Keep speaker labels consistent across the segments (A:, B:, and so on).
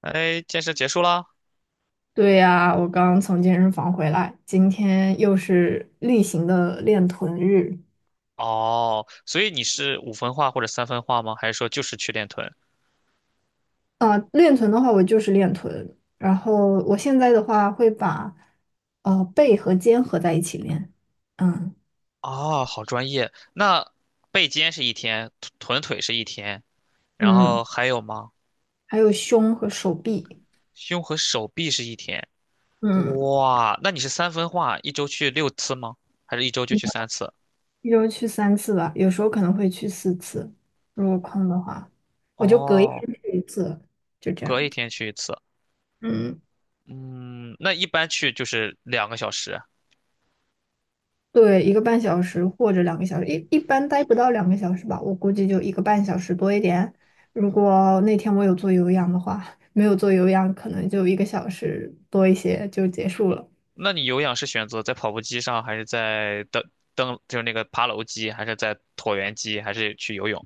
A: 哎，健身结束啦？
B: 对呀，我刚刚从健身房回来，今天又是例行的练臀日。
A: 哦，所以你是五分化或者三分化吗？还是说就是去练臀？
B: 啊、练臀的话，我就是练臀，然后我现在的话会把背和肩合在一起练。嗯
A: 啊，好专业。那背肩是一天，臀腿是一天，然
B: 嗯，
A: 后还有吗？
B: 还有胸和手臂。
A: 胸和手臂是一天。
B: 嗯，
A: 哇，那你是三分化，一周去六次吗？还是一周就去三次？
B: 一周去三次吧，有时候可能会去4次，如果空的话，我就隔一天
A: 哦，
B: 去一次，就这
A: 隔
B: 样。
A: 一天去一次。
B: 嗯，
A: 嗯，那一般去就是2个小时。
B: 对，一个半小时或者两个小时，一般待不到两个小时吧，我估计就一个半小时多一点。如果那天我有做有氧的话，没有做有氧，可能就1个小时多一些就结束了。
A: 那你有氧是选择在跑步机上，还是在登就是那个爬楼机，还是在椭圆机，还是去游泳？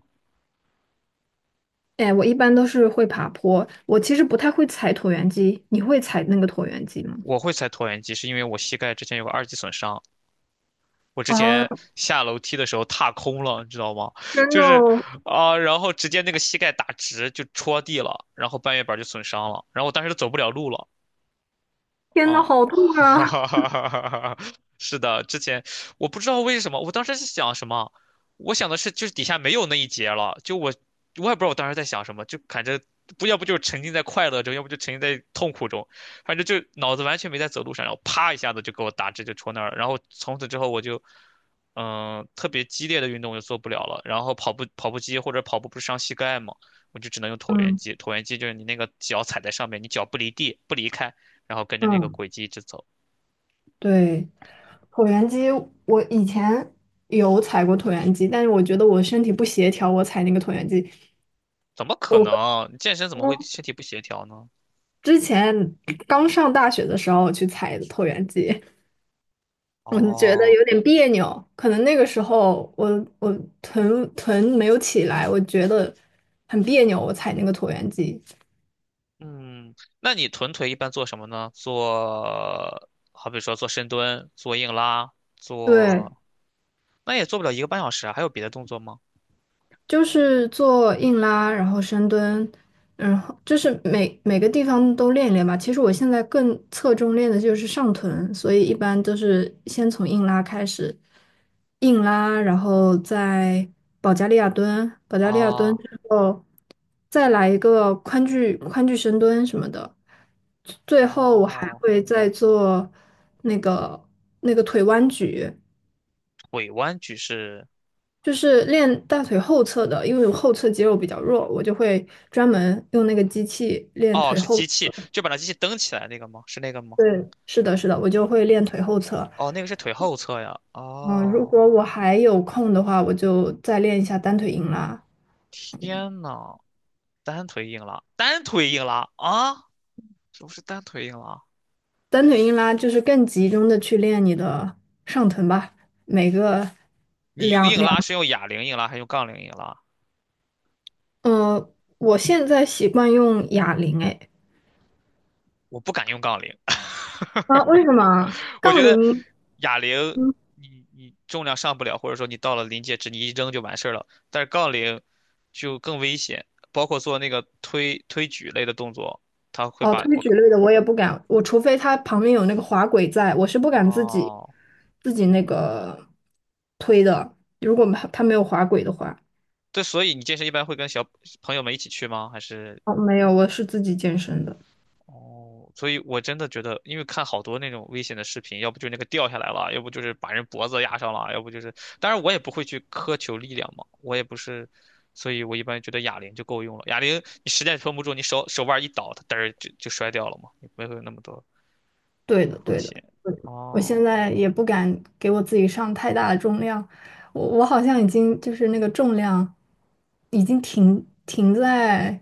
B: 哎，我一般都是会爬坡，我其实不太会踩椭圆机，你会踩那个椭圆机吗？
A: 我会踩椭圆机，是因为我膝盖之前有个2级损伤，我之
B: 啊，
A: 前下楼梯的时候踏空了，你知道吗？
B: 真
A: 就
B: 的
A: 是
B: 哦，
A: 然后直接那个膝盖打直就戳地了，然后半月板就损伤了，然后我当时都走不了路了。
B: 天呐，
A: 哦，
B: 好 痛
A: 哈
B: 啊！
A: 哈哈哈哈哈！是的，之前我不知道为什么，我当时是想什么，我想的是就是底下没有那一节了，就我也不知道我当时在想什么，就感觉不要不就沉浸在快乐中，要不就沉浸在痛苦中，反正就脑子完全没在走路上，然后啪一下子就给我打直就戳那儿了，然后从此之后我就特别激烈的运动我就做不了了，然后跑步机或者跑步不是伤膝盖吗？我就只能用椭圆
B: 嗯
A: 机，椭圆机就是你那个脚踩在上面，你脚不离地不离开。然后跟着那个
B: 嗯，
A: 轨迹一直走。
B: 对，椭圆机我以前有踩过椭圆机，但是我觉得我身体不协调，我踩那个椭圆机。
A: 怎么可
B: 我。
A: 能？健身怎么会
B: 我
A: 身体不协调呢？
B: 之前刚上大学的时候去采的椭圆机，我就觉得
A: 哦，
B: 有点别扭，可能那个时候我臀没有起来，我觉得很别扭，我踩那个椭圆机。
A: 嗯，那你臀腿一般做什么呢？做，好比说做深蹲、做硬拉、
B: 对，
A: 做，那也做不了1个半小时啊。还有别的动作吗？
B: 就是做硬拉，然后深蹲，然后就是每个地方都练一练吧。其实我现在更侧重练的就是上臀，所以一般都是先从硬拉开始，硬拉，然后再保加利亚蹲，保加利亚蹲
A: 啊，
B: 之后再来一个宽距深蹲什么的，最后我还
A: 哦，
B: 会再做那个那个腿弯举。
A: 腿弯举是，
B: 就是练大腿后侧的，因为我后侧肌肉比较弱，我就会专门用那个机器练
A: 哦，
B: 腿
A: 是
B: 后。
A: 机器，就把那机器蹬起来那个吗？是那个吗？
B: 对，是的，是的，我就会练腿后侧。
A: 哦，那个是腿后侧呀。
B: 嗯，如
A: 哦，
B: 果我还有空的话，我就再练一下单腿硬拉。
A: 天呐，单腿硬拉啊，不是单腿硬拉？
B: 单腿硬拉就是更集中的去练你的上臀吧，每个
A: 你用
B: 两
A: 硬
B: 两，
A: 拉是用哑铃硬拉还是用杠铃硬拉？
B: 呃，我现在习惯用哑铃，哎，
A: 我不敢用杠铃，
B: 啊，为什么？
A: 我
B: 杠
A: 觉得
B: 铃？
A: 哑铃你重量上不了，或者说你到了临界值你一扔就完事儿了，但是杠铃就更危险，包括做那个推举类的动作，它会
B: 哦，
A: 把
B: 推
A: 我
B: 举类的我也不敢，我除非它旁边有那个滑轨在，我是不敢自己
A: 哦，
B: 自己那个推的。如果它没有滑轨的话，
A: 对，所以你健身一般会跟小朋友们一起去吗？还是？
B: 哦，没有，我是自己健身的。
A: 哦，所以我真的觉得，因为看好多那种危险的视频，要不就那个掉下来了，要不就是把人脖子压上了，要不就是，当然我也不会去苛求力量嘛，我也不是，所以我一般觉得哑铃就够用了。哑铃你实在撑不住，你手腕一倒，它嘚儿就摔掉了嘛，也不会有那么多
B: 对的，
A: 风
B: 对的。
A: 险。
B: 我现
A: 哦，
B: 在也不敢给我自己上太大的重量，我好像已经就是那个重量已经停在，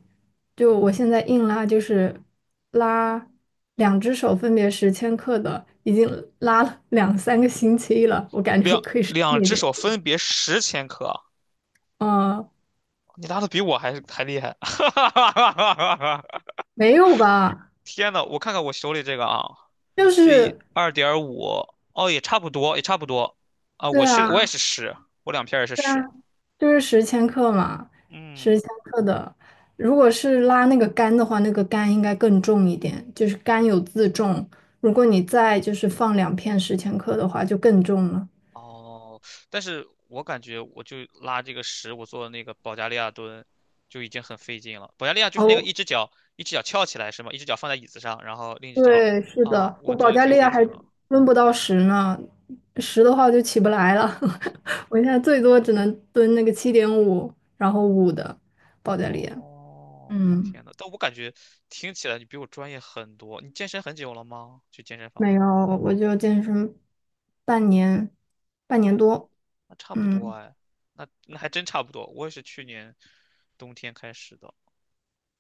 B: 就我现在硬拉就是拉两只手分别十千克的，已经拉了两三个星期了，我感觉我
A: 两
B: 可以上
A: 两
B: 一
A: 只
B: 点。
A: 手分别10千克啊，
B: 嗯，
A: 你拉的比我还厉害，
B: 没有吧？
A: 天呐，我看看我手里这个啊。
B: 就
A: 对，
B: 是
A: 2.5，哦，也差不多，也差不多。啊，
B: 对
A: 我也
B: 啊。
A: 是十，我两片儿也是十。
B: 就是十千克嘛，
A: 嗯，
B: 十千克的。如果是拉那个杆的话，那个杆应该更重一点，就是杆有自重。如果你再就是放两片十千克的话，就更重了。
A: 哦，但是我感觉我就拉这个十，我做那个保加利亚蹲就已经很费劲了。保加利亚就是那个
B: 哦，
A: 一只脚翘起来是吗？一只脚放在椅子上，然后另一只脚
B: 对，是
A: 啊，
B: 的，
A: 我
B: 我
A: 做
B: 保
A: 的
B: 加
A: 挺
B: 利
A: 费
B: 亚还
A: 劲了。
B: 蹲不到十呢，十的话我就起不来了。我现在最多只能蹲那个7.5，然后五的保加利亚。
A: 哦，
B: 嗯，
A: 天呐，但我感觉听起来你比我专业很多。你健身很久了吗？去健身房
B: 没
A: 的
B: 有，
A: 话，
B: 我就健身半年，半年
A: 哎
B: 多。
A: 那差不多
B: 嗯。
A: 哎，那还真差不多。我也是去年冬天开始的，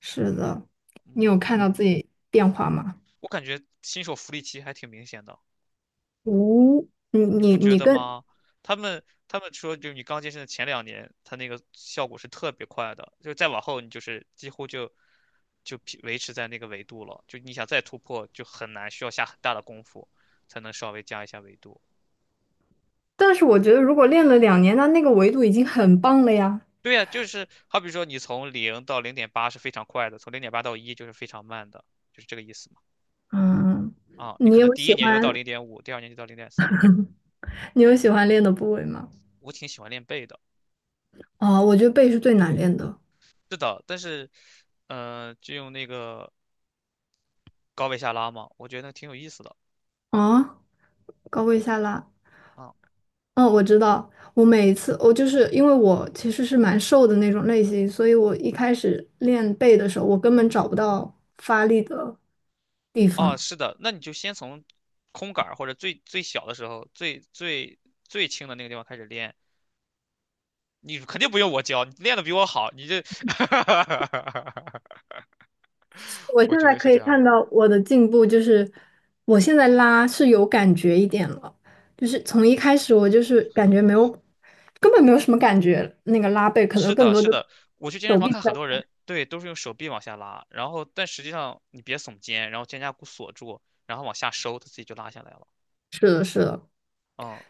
B: 是的，你有看
A: 嗯，
B: 到自己变化吗？
A: 我感觉新手福利期还挺明显的，
B: 无、你
A: 你
B: 你
A: 不觉
B: 你
A: 得
B: 跟，
A: 吗？他们说，就你刚健身的前2年，他那个效果是特别快的，就再往后你就是几乎就维持在那个维度了，就你想再突破就很难，需要下很大的功夫才能稍微加一下维度。
B: 但是我觉得如果练了2年，那那个维度已经很棒了呀。
A: 对呀，就是好比说你从0到0.8是非常快的，从0.8到1就是非常慢的，就是这个意思。
B: 嗯，
A: 啊，你
B: 你
A: 可能
B: 有
A: 第
B: 喜
A: 一年就能到
B: 欢
A: 0.5，第二年就到0.3。
B: 你有喜欢练的部位吗？
A: 我挺喜欢练背的，
B: 哦，我觉得背是最难练的。
A: 是的，但是，就用那个高位下拉嘛，我觉得挺有意思的
B: 啊，高位下拉。
A: 啊。
B: 嗯，我知道。我每一次，我就是因为我其实是蛮瘦的那种类型，所以我一开始练背的时候，我根本找不到发力的地
A: 哦，
B: 方。
A: 是的，那你就先从空杆儿或者最最小的时候，最轻的那个地方开始练。你肯定不用我教，你练的比我好，你这，
B: 我现
A: 我觉
B: 在
A: 得是
B: 可以
A: 这样
B: 看
A: 的。
B: 到我的进步，就是我现在拉是有感觉一点了，就是从一开始我就是感觉没有，根本没有什么感觉，那个拉背可
A: 是
B: 能更
A: 的，
B: 多
A: 是
B: 的
A: 的，我去健身
B: 手
A: 房
B: 臂
A: 看
B: 在。
A: 很多人，对，都是用手臂往下拉，然后但实际上你别耸肩，然后肩胛骨锁住，然后往下收，它自己就拉下来了。
B: 是的，是的，
A: 嗯，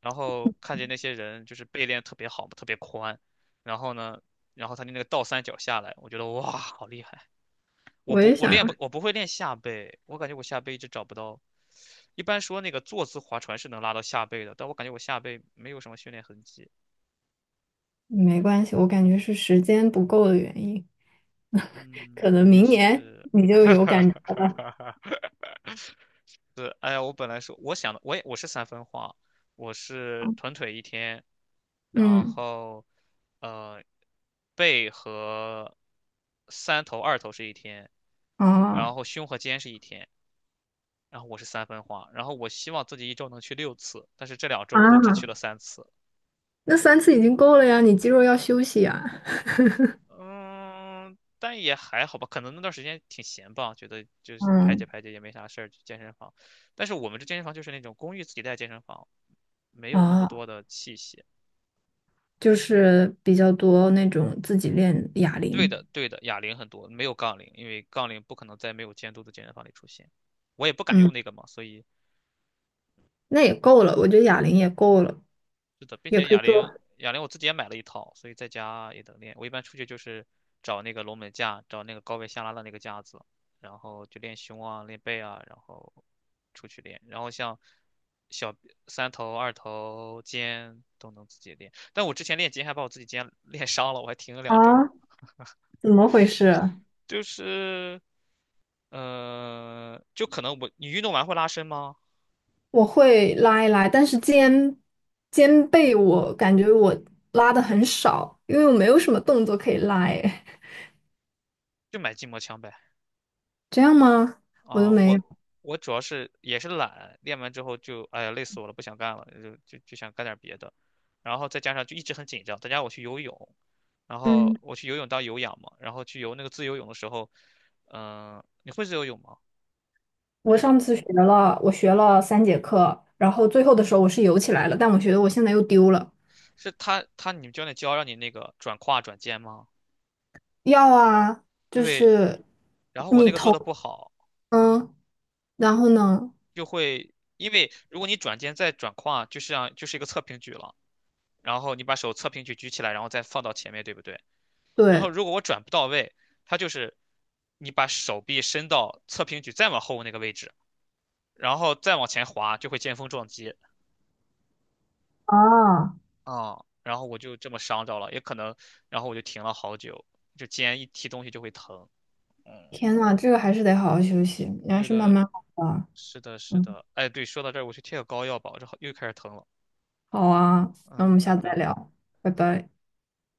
A: 然后看见那些人就是背练得特别好嘛，特别宽，然后呢，然后他的那个倒三角下来，我觉得哇，好厉害！
B: 我也想要，
A: 我不会练下背，我感觉我下背一直找不到。一般说那个坐姿划船是能拉到下背的，但我感觉我下背没有什么训练痕迹。
B: 没关系，我感觉是时间不够的原因，可
A: 嗯，
B: 能
A: 也
B: 明年
A: 是。
B: 你就有感觉
A: 是，哎呀，我本来说我想的，我是三分化，我是臀腿一天，然
B: 嗯，
A: 后呃背和三头二头是一天，
B: 哦
A: 然后胸和肩是一天，然后我是三分化，然后我希望自己一周能去六次，但是这2周我都只去
B: 啊，
A: 了三次，
B: 那三次已经够了呀，你肌肉要休息呀。
A: 嗯，但也还好吧，可能那段时间挺闲吧，觉得就是排解
B: 嗯，
A: 排解也没啥事儿，去健身房，但是我们这健身房就是那种公寓自己带健身房，没有那么
B: 哦。
A: 多的器械。
B: 就是比较多那种自己练哑
A: 对
B: 铃，
A: 的，对的，哑铃很多，没有杠铃，因为杠铃不可能在没有监督的健身房里出现。我也不敢用
B: 嗯，
A: 那个嘛，所以
B: 那也够了，我觉得哑铃也够了，
A: 是的，并
B: 也
A: 且
B: 可以
A: 哑
B: 做
A: 铃，哑铃我自己也买了一套，所以在家也能练。我一般出去就是找那个龙门架，找那个高位下拉的那个架子，然后就练胸啊，练背啊，然后出去练。然后像小三头、二头、肩都能自己练，但我之前练肩还把我自己肩练伤了，我还停了
B: 啊？
A: 两周。
B: 怎么回事？
A: 就是，就可能你运动完会拉伸吗？
B: 我会拉一拉，但是肩背我感觉我拉的很少，因为我没有什么动作可以拉，哎，
A: 就买筋膜枪呗。
B: 这样吗？我都
A: 啊，
B: 没有。
A: 我主要是也是懒，练完之后就哎呀累死我了，不想干了，就想干点别的，然后再加上就一直很紧张，再加上我去游泳，然后
B: 嗯，
A: 我去游泳当有氧嘛，然后去游那个自由泳的时候，你会自由泳吗？
B: 我
A: 会
B: 上
A: 吧？
B: 次学了，我学了3节课，然后最后的时候我是游起来了，但我觉得我现在又丢了。
A: 是你们教练教让你那个转胯转肩吗？
B: 要啊，就
A: 对，
B: 是
A: 然后我
B: 你
A: 那个做
B: 头，
A: 的不好，
B: 嗯，然后呢，
A: 就会，因为如果你转肩再转胯，就像就是一个侧平举了。然后你把手侧平举举起来，然后再放到前面，对不对？然后
B: 对，
A: 如果我转不到位，它就是你把手臂伸到侧平举再往后那个位置，然后再往前滑，就会见峰撞击
B: 啊，
A: 啊。然后我就这么伤着了，也可能，然后我就停了好久，就肩一提东西就会疼。嗯，
B: 天呐，这个还是得好好休息，你还
A: 对
B: 是慢
A: 的，
B: 慢好吧。
A: 是的，是
B: 嗯，
A: 的。哎，对，说到这儿，我去贴个膏药吧，我这好又开始疼了。
B: 好啊，那我
A: 嗯，
B: 们
A: 拜
B: 下次再
A: 拜。
B: 聊，拜拜。